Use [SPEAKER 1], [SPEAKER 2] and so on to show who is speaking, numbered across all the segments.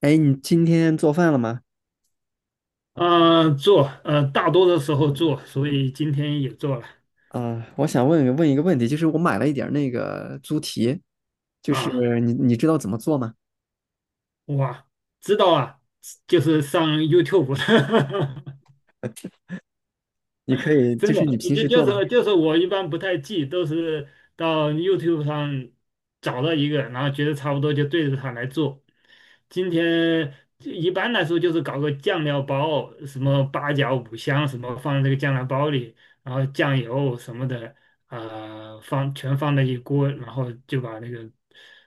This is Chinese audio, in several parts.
[SPEAKER 1] 哎，你今天做饭了吗？
[SPEAKER 2] 做，大多的时候做，所以今天也做了
[SPEAKER 1] 啊、我想问问一个问题，就是我买了一点儿那个猪蹄，就是
[SPEAKER 2] 啊。
[SPEAKER 1] 你知道怎么做吗？
[SPEAKER 2] 哇，知道啊，就是上 YouTube，
[SPEAKER 1] 你可以，
[SPEAKER 2] 真
[SPEAKER 1] 就
[SPEAKER 2] 的，
[SPEAKER 1] 是你
[SPEAKER 2] 就
[SPEAKER 1] 平时
[SPEAKER 2] 就
[SPEAKER 1] 做吗？
[SPEAKER 2] 是就是我一般不太记，都是到 YouTube 上找到一个，然后觉得差不多就对着它来做。今天一般来说就是搞个酱料包，什么八角、五香什么放在这个酱料包里，然后酱油什么的，放全放在一锅，然后就把那个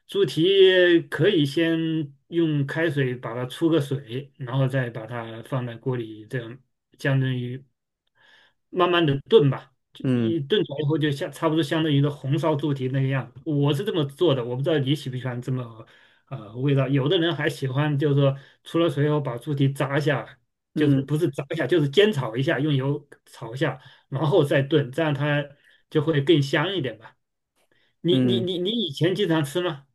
[SPEAKER 2] 猪蹄可以先用开水把它出个水，然后再把它放在锅里，这样相当于慢慢的炖吧，就一
[SPEAKER 1] 嗯
[SPEAKER 2] 炖出来以后就像差不多相当于一个红烧猪蹄那个样子，我是这么做的，我不知道你喜不喜欢这么味道。有的人还喜欢就是说出了水以后把猪蹄炸一下。就是
[SPEAKER 1] 嗯
[SPEAKER 2] 不是炸一下，就是煎炒一下，用油炒一下，然后再炖，这样它就会更香一点吧。你你
[SPEAKER 1] 嗯，
[SPEAKER 2] 你你以前经常吃吗？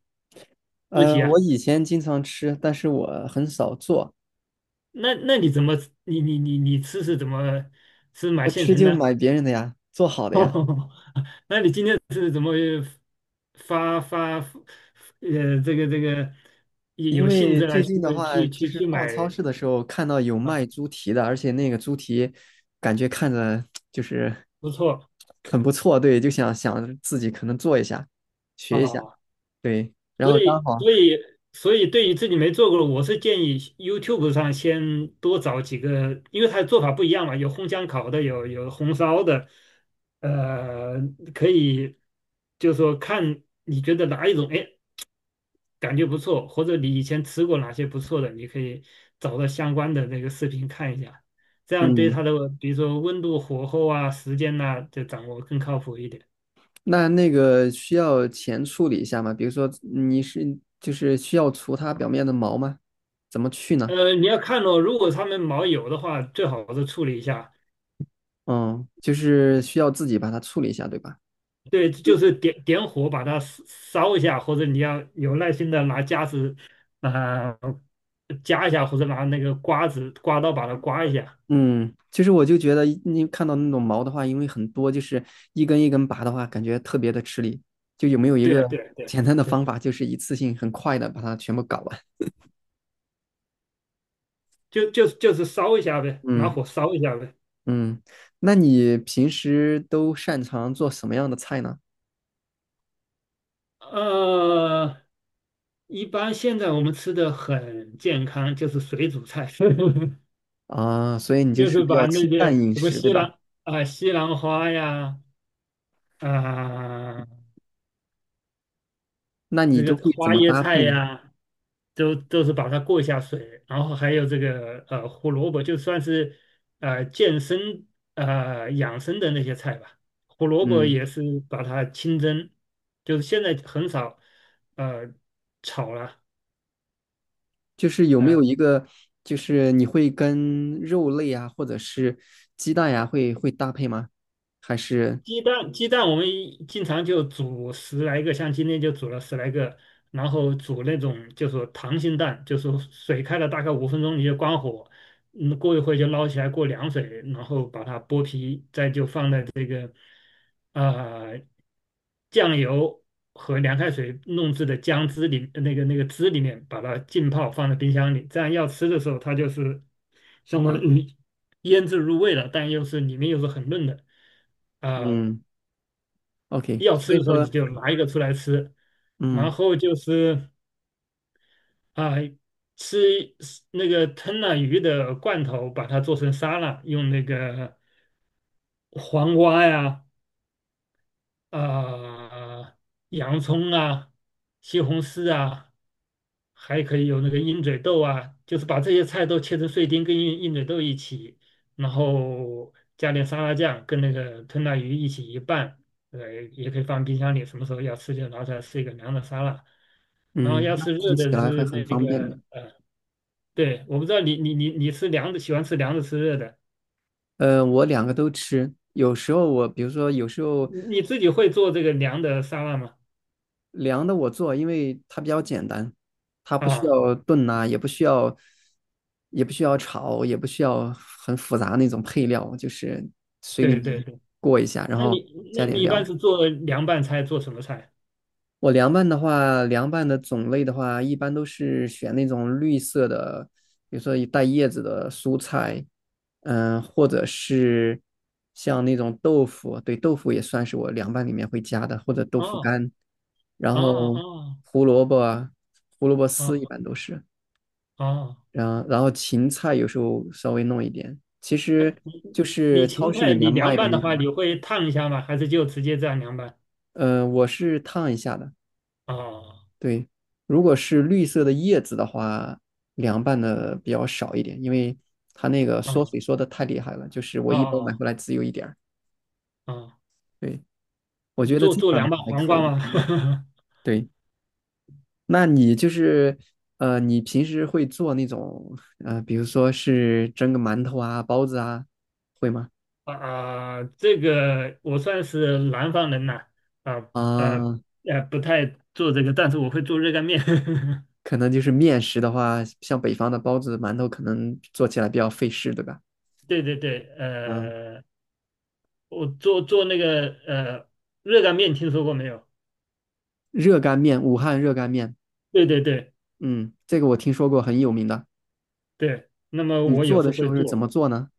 [SPEAKER 2] 不提啊？
[SPEAKER 1] 我以前经常吃，但是我很少做，
[SPEAKER 2] 那你怎么你吃是怎么，是买
[SPEAKER 1] 我
[SPEAKER 2] 现
[SPEAKER 1] 吃
[SPEAKER 2] 成
[SPEAKER 1] 就
[SPEAKER 2] 的？
[SPEAKER 1] 买别人的呀，做好 的呀。
[SPEAKER 2] 哦，那你今天是怎么发这个有
[SPEAKER 1] 因
[SPEAKER 2] 有兴
[SPEAKER 1] 为
[SPEAKER 2] 致了
[SPEAKER 1] 最近
[SPEAKER 2] 去
[SPEAKER 1] 的话，
[SPEAKER 2] 去
[SPEAKER 1] 就
[SPEAKER 2] 去
[SPEAKER 1] 是
[SPEAKER 2] 去
[SPEAKER 1] 逛超
[SPEAKER 2] 买
[SPEAKER 1] 市的时候看到有
[SPEAKER 2] 啊？
[SPEAKER 1] 卖猪蹄的，而且那个猪蹄感觉看着就是
[SPEAKER 2] 不错
[SPEAKER 1] 很不错，对，就想着自己可能做一下，学一下。
[SPEAKER 2] 啊。
[SPEAKER 1] 对，然
[SPEAKER 2] 所
[SPEAKER 1] 后刚
[SPEAKER 2] 以，
[SPEAKER 1] 好，
[SPEAKER 2] 所以，所以，对于自己没做过的，我是建议 YouTube 上先多找几个，因为它的做法不一样嘛，有烘箱烤的，有红烧的，呃，可以就是说看你觉得哪一种，哎，感觉不错，或者你以前吃过哪些不错的，你可以找到相关的那个视频看一下，这样对
[SPEAKER 1] 嗯，
[SPEAKER 2] 它的，比如说温度、火候啊、时间呐、就掌握更靠谱一点。
[SPEAKER 1] 那个需要前处理一下吗？比如说你是就是需要除它表面的毛吗？怎么去呢？
[SPEAKER 2] 你要看哦，如果他们毛有的话，最好是处理一下；
[SPEAKER 1] 嗯，就是需要自己把它处理一下，对吧？
[SPEAKER 2] 对，就是点点火把它烧烧一下，或者你要有耐心的拿夹子啊、夹一下，或者拿那个刮子刮刀把它刮一下。
[SPEAKER 1] 嗯，其实我就觉得你看到那种毛的话，因为很多，就是一根一根拔的话，感觉特别的吃力。就有没有一
[SPEAKER 2] 对
[SPEAKER 1] 个
[SPEAKER 2] 啊对啊对啊
[SPEAKER 1] 简单的
[SPEAKER 2] 对啊，
[SPEAKER 1] 方法，就是一次性很快的把它全部搞完？
[SPEAKER 2] 就是烧一下呗，拿
[SPEAKER 1] 嗯
[SPEAKER 2] 火烧一下呗。
[SPEAKER 1] 嗯，那你平时都擅长做什么样的菜呢？
[SPEAKER 2] 呃，一般现在我们吃的很健康，就是水煮菜，
[SPEAKER 1] 啊，所以你就
[SPEAKER 2] 就
[SPEAKER 1] 是
[SPEAKER 2] 是
[SPEAKER 1] 比较
[SPEAKER 2] 把那
[SPEAKER 1] 清淡
[SPEAKER 2] 些
[SPEAKER 1] 饮
[SPEAKER 2] 什么
[SPEAKER 1] 食，对吧？
[SPEAKER 2] 西兰花呀，啊、
[SPEAKER 1] 那
[SPEAKER 2] 这
[SPEAKER 1] 你都
[SPEAKER 2] 个
[SPEAKER 1] 会怎
[SPEAKER 2] 花
[SPEAKER 1] 么
[SPEAKER 2] 椰
[SPEAKER 1] 搭配
[SPEAKER 2] 菜
[SPEAKER 1] 呢？
[SPEAKER 2] 呀、都是把它过一下水，然后还有这个胡萝卜，就算是健身养生的那些菜吧。胡萝卜
[SPEAKER 1] 嗯，
[SPEAKER 2] 也是把它清蒸，就是现在很少呃炒了。
[SPEAKER 1] 就是有没有一
[SPEAKER 2] 呃
[SPEAKER 1] 个，就是你会跟肉类啊，或者是鸡蛋呀、会搭配吗？还是
[SPEAKER 2] 鸡蛋我们经常就煮十来个，像今天就煮了十来个，然后煮那种就是说溏心蛋，就是说水开了大概5分钟你就关火，嗯，过一会就捞起来过凉水，然后把它剥皮，再就放在这啊、呃酱油和凉开水弄制的姜汁里，那个汁里面把它浸泡放在冰箱里，这样要吃的时候它就是相当于腌制入味了，但又是里面又是很嫩的。啊、呃
[SPEAKER 1] 嗯，OK，
[SPEAKER 2] 要吃
[SPEAKER 1] 所以
[SPEAKER 2] 的时候你
[SPEAKER 1] 说
[SPEAKER 2] 就拿一个出来吃，然
[SPEAKER 1] 嗯
[SPEAKER 2] 后就是啊、吃那个吞了鱼的罐头，把它做成沙拉，用那个黄瓜呀、啊、洋葱啊、西红柿啊，还可以有那个鹰嘴豆啊，就是把这些菜都切成碎丁，跟鹰嘴豆一起，然后加点沙拉酱，跟那个吞拿鱼一起一拌，呃，也可以放冰箱里，什么时候要吃就拿出来吃一个凉的沙拉。然后
[SPEAKER 1] 嗯，
[SPEAKER 2] 要
[SPEAKER 1] 那
[SPEAKER 2] 吃热
[SPEAKER 1] 听起
[SPEAKER 2] 的
[SPEAKER 1] 来还
[SPEAKER 2] 是
[SPEAKER 1] 很
[SPEAKER 2] 那
[SPEAKER 1] 方便的。
[SPEAKER 2] 个对，我不知道你吃凉的，喜欢吃凉的吃热的，
[SPEAKER 1] 呃，我两个都吃，有时候我比如说有时候
[SPEAKER 2] 你自己会做这个凉的沙拉吗？
[SPEAKER 1] 凉的我做，因为它比较简单，它不需
[SPEAKER 2] 啊，
[SPEAKER 1] 要炖呐、也不需要，也不需要炒，也不需要很复杂那种配料，就是水里
[SPEAKER 2] 对对
[SPEAKER 1] 面
[SPEAKER 2] 对，
[SPEAKER 1] 过一下，然
[SPEAKER 2] 那
[SPEAKER 1] 后
[SPEAKER 2] 你
[SPEAKER 1] 加
[SPEAKER 2] 那你
[SPEAKER 1] 点
[SPEAKER 2] 一般
[SPEAKER 1] 料。
[SPEAKER 2] 是做凉拌菜，做什么菜？
[SPEAKER 1] 我凉拌的话，凉拌的种类的话，一般都是选那种绿色的，比如说带叶子的蔬菜，嗯，或者是像那种豆腐，对，豆腐也算是我凉拌里面会加的，或者豆腐
[SPEAKER 2] 哦
[SPEAKER 1] 干，然
[SPEAKER 2] 哦
[SPEAKER 1] 后
[SPEAKER 2] 哦
[SPEAKER 1] 胡萝卜啊胡萝卜
[SPEAKER 2] 哦
[SPEAKER 1] 丝一般都是，
[SPEAKER 2] 哦。
[SPEAKER 1] 然后芹菜有时候稍微弄一点，其实就是
[SPEAKER 2] 你
[SPEAKER 1] 超
[SPEAKER 2] 勤
[SPEAKER 1] 市里
[SPEAKER 2] 快，
[SPEAKER 1] 面
[SPEAKER 2] 你凉
[SPEAKER 1] 卖的
[SPEAKER 2] 拌
[SPEAKER 1] 那
[SPEAKER 2] 的话，
[SPEAKER 1] 种，
[SPEAKER 2] 你会烫一下吗？还是就直接这样凉拌？
[SPEAKER 1] 我是烫一下的。
[SPEAKER 2] 哦
[SPEAKER 1] 对，如果是绿色的叶子的话，凉拌的比较少一点，因为它那个缩
[SPEAKER 2] 哦
[SPEAKER 1] 水缩的太厉害了，就是我一包买
[SPEAKER 2] 哦
[SPEAKER 1] 回来只有一点儿。
[SPEAKER 2] 哦，
[SPEAKER 1] 对，我觉得
[SPEAKER 2] 做
[SPEAKER 1] 这
[SPEAKER 2] 做
[SPEAKER 1] 样的
[SPEAKER 2] 凉拌
[SPEAKER 1] 话还
[SPEAKER 2] 黄
[SPEAKER 1] 可
[SPEAKER 2] 瓜
[SPEAKER 1] 以。
[SPEAKER 2] 吗？
[SPEAKER 1] 嗯 对，那你就是你平时会做那种比如说是蒸个馒头啊、包子啊，会吗？
[SPEAKER 2] 啊，这个我算是南方人呐，啊呃
[SPEAKER 1] 啊、
[SPEAKER 2] 不太做这个，但是我会做热干面。
[SPEAKER 1] 可能就是面食的话，像北方的包子、馒头，可能做起来比较费事，对吧？
[SPEAKER 2] 对对对，
[SPEAKER 1] 嗯，
[SPEAKER 2] 我做做那个热干面，听说过没有？
[SPEAKER 1] 热干面，武汉热干面。
[SPEAKER 2] 对对对
[SPEAKER 1] 嗯，这个我听说过，很有名的。
[SPEAKER 2] 对，那么
[SPEAKER 1] 你
[SPEAKER 2] 我有
[SPEAKER 1] 做
[SPEAKER 2] 时
[SPEAKER 1] 的
[SPEAKER 2] 候
[SPEAKER 1] 时
[SPEAKER 2] 会
[SPEAKER 1] 候是怎么
[SPEAKER 2] 做
[SPEAKER 1] 做呢？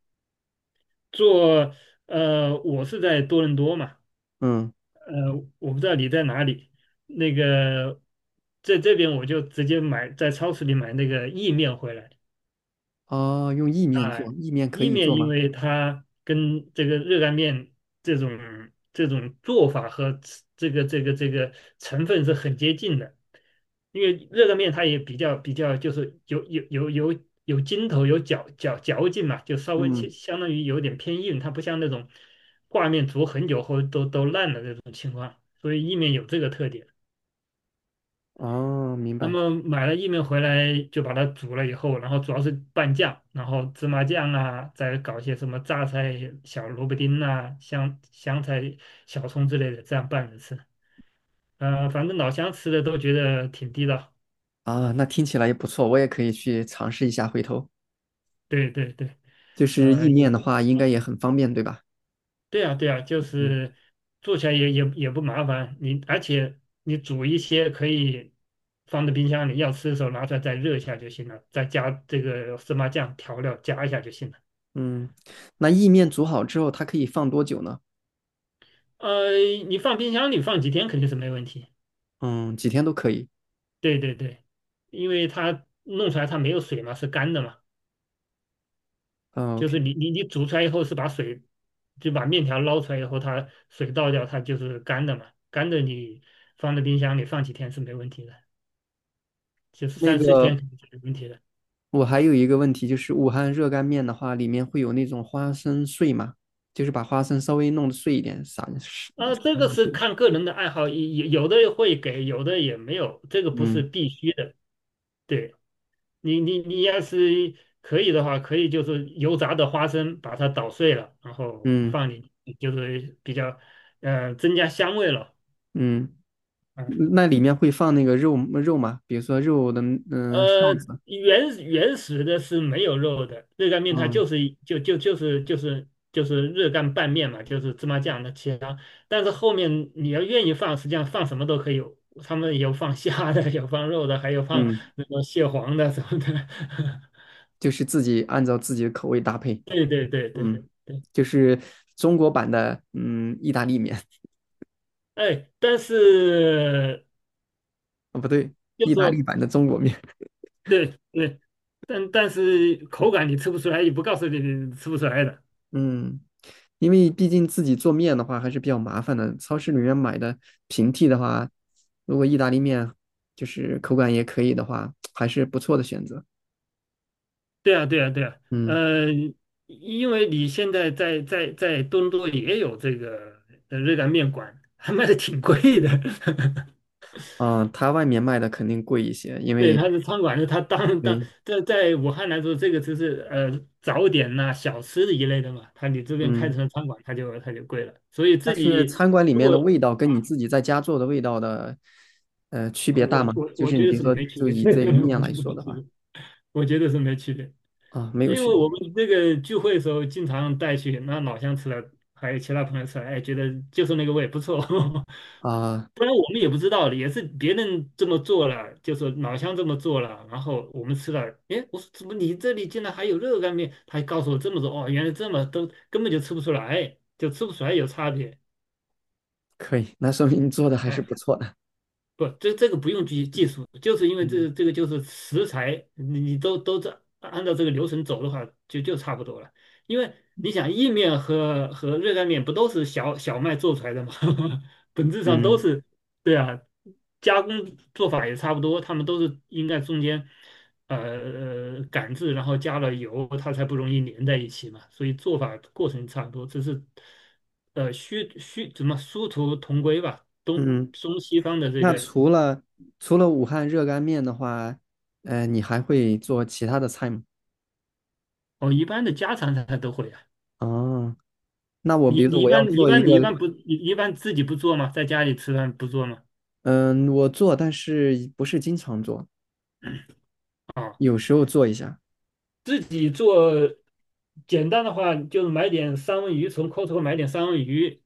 [SPEAKER 2] 做，我是在多伦多嘛。
[SPEAKER 1] 嗯，
[SPEAKER 2] 呃，我不知道你在哪里，那个在这边我就直接买，在超市里买那个意面回来。
[SPEAKER 1] 哦，用意面
[SPEAKER 2] 啊，
[SPEAKER 1] 做，意面可
[SPEAKER 2] 意
[SPEAKER 1] 以
[SPEAKER 2] 面
[SPEAKER 1] 做
[SPEAKER 2] 因
[SPEAKER 1] 吗？
[SPEAKER 2] 为它跟这个热干面这种做法和吃这个成分是很接近的，因为热干面它也比较就是有有筋头，有嚼劲嘛，就稍微
[SPEAKER 1] 嗯，
[SPEAKER 2] 相当于有点偏硬，它不像那种挂面煮很久后都烂的那种，所以意面有这个特点。
[SPEAKER 1] 哦，明
[SPEAKER 2] 那
[SPEAKER 1] 白。
[SPEAKER 2] 么买了薏米回来就把它煮了以后，然后主要是拌酱，然后芝麻酱啊，再搞些什么榨菜、小萝卜丁啊、香菜、小葱之类的，这样拌着吃。反正老乡吃的都觉得挺地道。
[SPEAKER 1] 啊，那听起来也不错，我也可以去尝试一下，回头。
[SPEAKER 2] 对对对，
[SPEAKER 1] 就是
[SPEAKER 2] 呃，
[SPEAKER 1] 意面
[SPEAKER 2] 也
[SPEAKER 1] 的话，应该
[SPEAKER 2] 嗯
[SPEAKER 1] 也很方便，对吧？
[SPEAKER 2] 对啊对啊，就
[SPEAKER 1] 嗯
[SPEAKER 2] 是做起来也不麻烦，而且你煮一些可以放在冰箱里，要吃的时候拿出来再热一下就行了，再加这个芝麻酱调料加一下就行了。
[SPEAKER 1] 嗯，那意面煮好之后，它可以放多久呢？
[SPEAKER 2] 呃，你放冰箱里放几天肯定是没问题。
[SPEAKER 1] 嗯，几天都可以。
[SPEAKER 2] 对对对，因为它弄出来它没有水嘛，是干的嘛，
[SPEAKER 1] 嗯
[SPEAKER 2] 就
[SPEAKER 1] ，OK。
[SPEAKER 2] 是你煮出来以后是把水，就把面条捞出来以后，它水倒掉，它就是干的嘛。干的你放在冰箱里放几天是没问题的，就是
[SPEAKER 1] 那
[SPEAKER 2] 三四
[SPEAKER 1] 个，
[SPEAKER 2] 天肯定是没问题的。
[SPEAKER 1] 我还有一个问题，就是武汉热干面的话，里面会有那种花生碎吗？就是把花生稍微弄得碎一点，撒
[SPEAKER 2] 啊，这
[SPEAKER 1] 撒
[SPEAKER 2] 个
[SPEAKER 1] 上
[SPEAKER 2] 是
[SPEAKER 1] 去。
[SPEAKER 2] 看个人的爱好，有的会给，有的也没有，这个不是
[SPEAKER 1] 嗯
[SPEAKER 2] 必须的。对。你要是可以的话，可以就是油炸的花生把它捣碎了，然后
[SPEAKER 1] 嗯
[SPEAKER 2] 放进去就是比较增加香味了。
[SPEAKER 1] 嗯，
[SPEAKER 2] 嗯，
[SPEAKER 1] 那里面会放那个肉吗？比如说肉的嗯、
[SPEAKER 2] 呃，
[SPEAKER 1] 臊子，
[SPEAKER 2] 原始的是没有肉的，热干面它
[SPEAKER 1] 嗯
[SPEAKER 2] 就是一就就就是就是就是热干拌面嘛，就是芝麻酱的其他。但是后面你要愿意放，实际上放什么都可以有，他们有放虾的，有放肉的，还有放
[SPEAKER 1] 嗯，
[SPEAKER 2] 那个蟹黄的什么的。
[SPEAKER 1] 就是自己按照自己的口味搭配，
[SPEAKER 2] 对对对对对。
[SPEAKER 1] 嗯，就是中国版的意大利面
[SPEAKER 2] 哎，但是
[SPEAKER 1] 啊 不对，
[SPEAKER 2] 就
[SPEAKER 1] 意大利
[SPEAKER 2] 说
[SPEAKER 1] 版的中国面，
[SPEAKER 2] 对对，但是口感你吃不出来，也不告诉你你吃不出来的。
[SPEAKER 1] 嗯，因为毕竟自己做面的话还是比较麻烦的，超市里面买的平替的话，如果意大利面就是口感也可以的话，还是不错的选择，
[SPEAKER 2] 对啊，对啊，对啊，
[SPEAKER 1] 嗯。
[SPEAKER 2] 呃，因为你现在在在东都也有这个热干面馆，还卖的挺贵的。
[SPEAKER 1] 啊、它外面卖的肯定贵一些，因
[SPEAKER 2] 对，
[SPEAKER 1] 为
[SPEAKER 2] 它是餐馆，它当
[SPEAKER 1] 对，
[SPEAKER 2] 在武汉来说，这个就是早点呐、小吃一类的嘛。它你这边开
[SPEAKER 1] 嗯，
[SPEAKER 2] 成了餐馆，它就贵了。所以
[SPEAKER 1] 但
[SPEAKER 2] 自
[SPEAKER 1] 是
[SPEAKER 2] 己
[SPEAKER 1] 餐馆里
[SPEAKER 2] 如
[SPEAKER 1] 面
[SPEAKER 2] 果。
[SPEAKER 1] 的味道跟你
[SPEAKER 2] 啊。
[SPEAKER 1] 自己在家做的味道的，区
[SPEAKER 2] 啊，
[SPEAKER 1] 别大吗？就
[SPEAKER 2] 我
[SPEAKER 1] 是你
[SPEAKER 2] 觉得
[SPEAKER 1] 比如
[SPEAKER 2] 是
[SPEAKER 1] 说，
[SPEAKER 2] 没区
[SPEAKER 1] 就
[SPEAKER 2] 别，我
[SPEAKER 1] 以这个
[SPEAKER 2] 觉
[SPEAKER 1] 面来
[SPEAKER 2] 得
[SPEAKER 1] 说
[SPEAKER 2] 没
[SPEAKER 1] 的
[SPEAKER 2] 区
[SPEAKER 1] 话，
[SPEAKER 2] 别，我觉得是没区别，
[SPEAKER 1] 啊，没有
[SPEAKER 2] 因
[SPEAKER 1] 区
[SPEAKER 2] 为
[SPEAKER 1] 别
[SPEAKER 2] 我们这个聚会的时候经常带去，那老乡吃了，还有其他朋友吃了，哎，觉得就是那个味不错，
[SPEAKER 1] 啊，
[SPEAKER 2] 不然我们也不知道的，也是别人这么做了，就说老乡这么做了，然后我们吃了，哎，我说怎么你这里竟然还有热干面？他还告诉我这么多，哦，原来这么都根本就吃不出来，就吃不出来有差别，
[SPEAKER 1] 可以，那说明你做的还是不
[SPEAKER 2] 哎。
[SPEAKER 1] 错的。
[SPEAKER 2] 不，这个不用技术，就是因为
[SPEAKER 1] 嗯
[SPEAKER 2] 这个就是食材，你都按照这个流程走的话，就差不多了。因为你想意面和热干面不都是小麦做出来的吗？本质上都
[SPEAKER 1] 嗯
[SPEAKER 2] 是，对啊，加工做法也差不多，他们都是应该中间呃擀制，然后加了油，它才不容易粘在一起嘛。所以做法过程差不多，只是呃虚虚怎么殊途同归吧，东。
[SPEAKER 1] 嗯，
[SPEAKER 2] 中西方的这
[SPEAKER 1] 那
[SPEAKER 2] 个，
[SPEAKER 1] 除了武汉热干面的话，你还会做其他的菜吗？
[SPEAKER 2] 哦，一般的家常菜都会啊。
[SPEAKER 1] 哦，那我比
[SPEAKER 2] 你
[SPEAKER 1] 如说
[SPEAKER 2] 你一
[SPEAKER 1] 我要
[SPEAKER 2] 般你一
[SPEAKER 1] 做一
[SPEAKER 2] 般你一
[SPEAKER 1] 个，
[SPEAKER 2] 般不你一般自己不做吗？在家里吃饭不做吗？
[SPEAKER 1] 嗯，我做，但是不是经常做，
[SPEAKER 2] 啊，
[SPEAKER 1] 有时候做一下。
[SPEAKER 2] 自己做简单的话，就是买点三文鱼，从 Costco 买点三文鱼，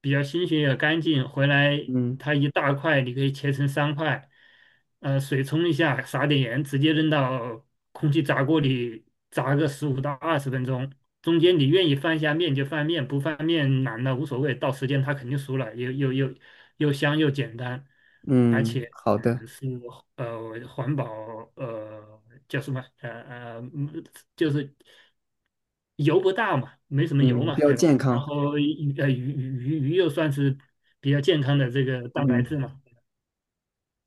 [SPEAKER 2] 比较新鲜也干净，回来
[SPEAKER 1] 嗯
[SPEAKER 2] 它一大块，你可以切成3块，水冲一下，撒点盐，直接扔到空气炸锅里炸个15到20分钟。中间你愿意翻一下面就翻面，不翻面懒了无所谓，到时间它肯定熟了，又香又简单，而
[SPEAKER 1] 嗯，
[SPEAKER 2] 且
[SPEAKER 1] 好的。
[SPEAKER 2] 是环保呃叫什么就是油不大嘛，没什么油
[SPEAKER 1] 嗯，比
[SPEAKER 2] 嘛，
[SPEAKER 1] 较
[SPEAKER 2] 对吧？
[SPEAKER 1] 健
[SPEAKER 2] 然
[SPEAKER 1] 康。
[SPEAKER 2] 后鱼又算是比较健康的这个蛋白
[SPEAKER 1] 嗯，
[SPEAKER 2] 质嘛。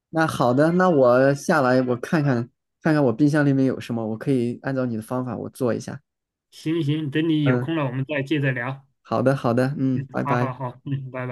[SPEAKER 1] 那好的，那我下来我看看我冰箱里面有什么，我可以按照你的方法我做一下。
[SPEAKER 2] 行行，等你有
[SPEAKER 1] 嗯，
[SPEAKER 2] 空了，我们再接着聊。
[SPEAKER 1] 好的，好的，嗯，
[SPEAKER 2] 嗯，
[SPEAKER 1] 拜
[SPEAKER 2] 好
[SPEAKER 1] 拜。
[SPEAKER 2] 好好，嗯，拜拜。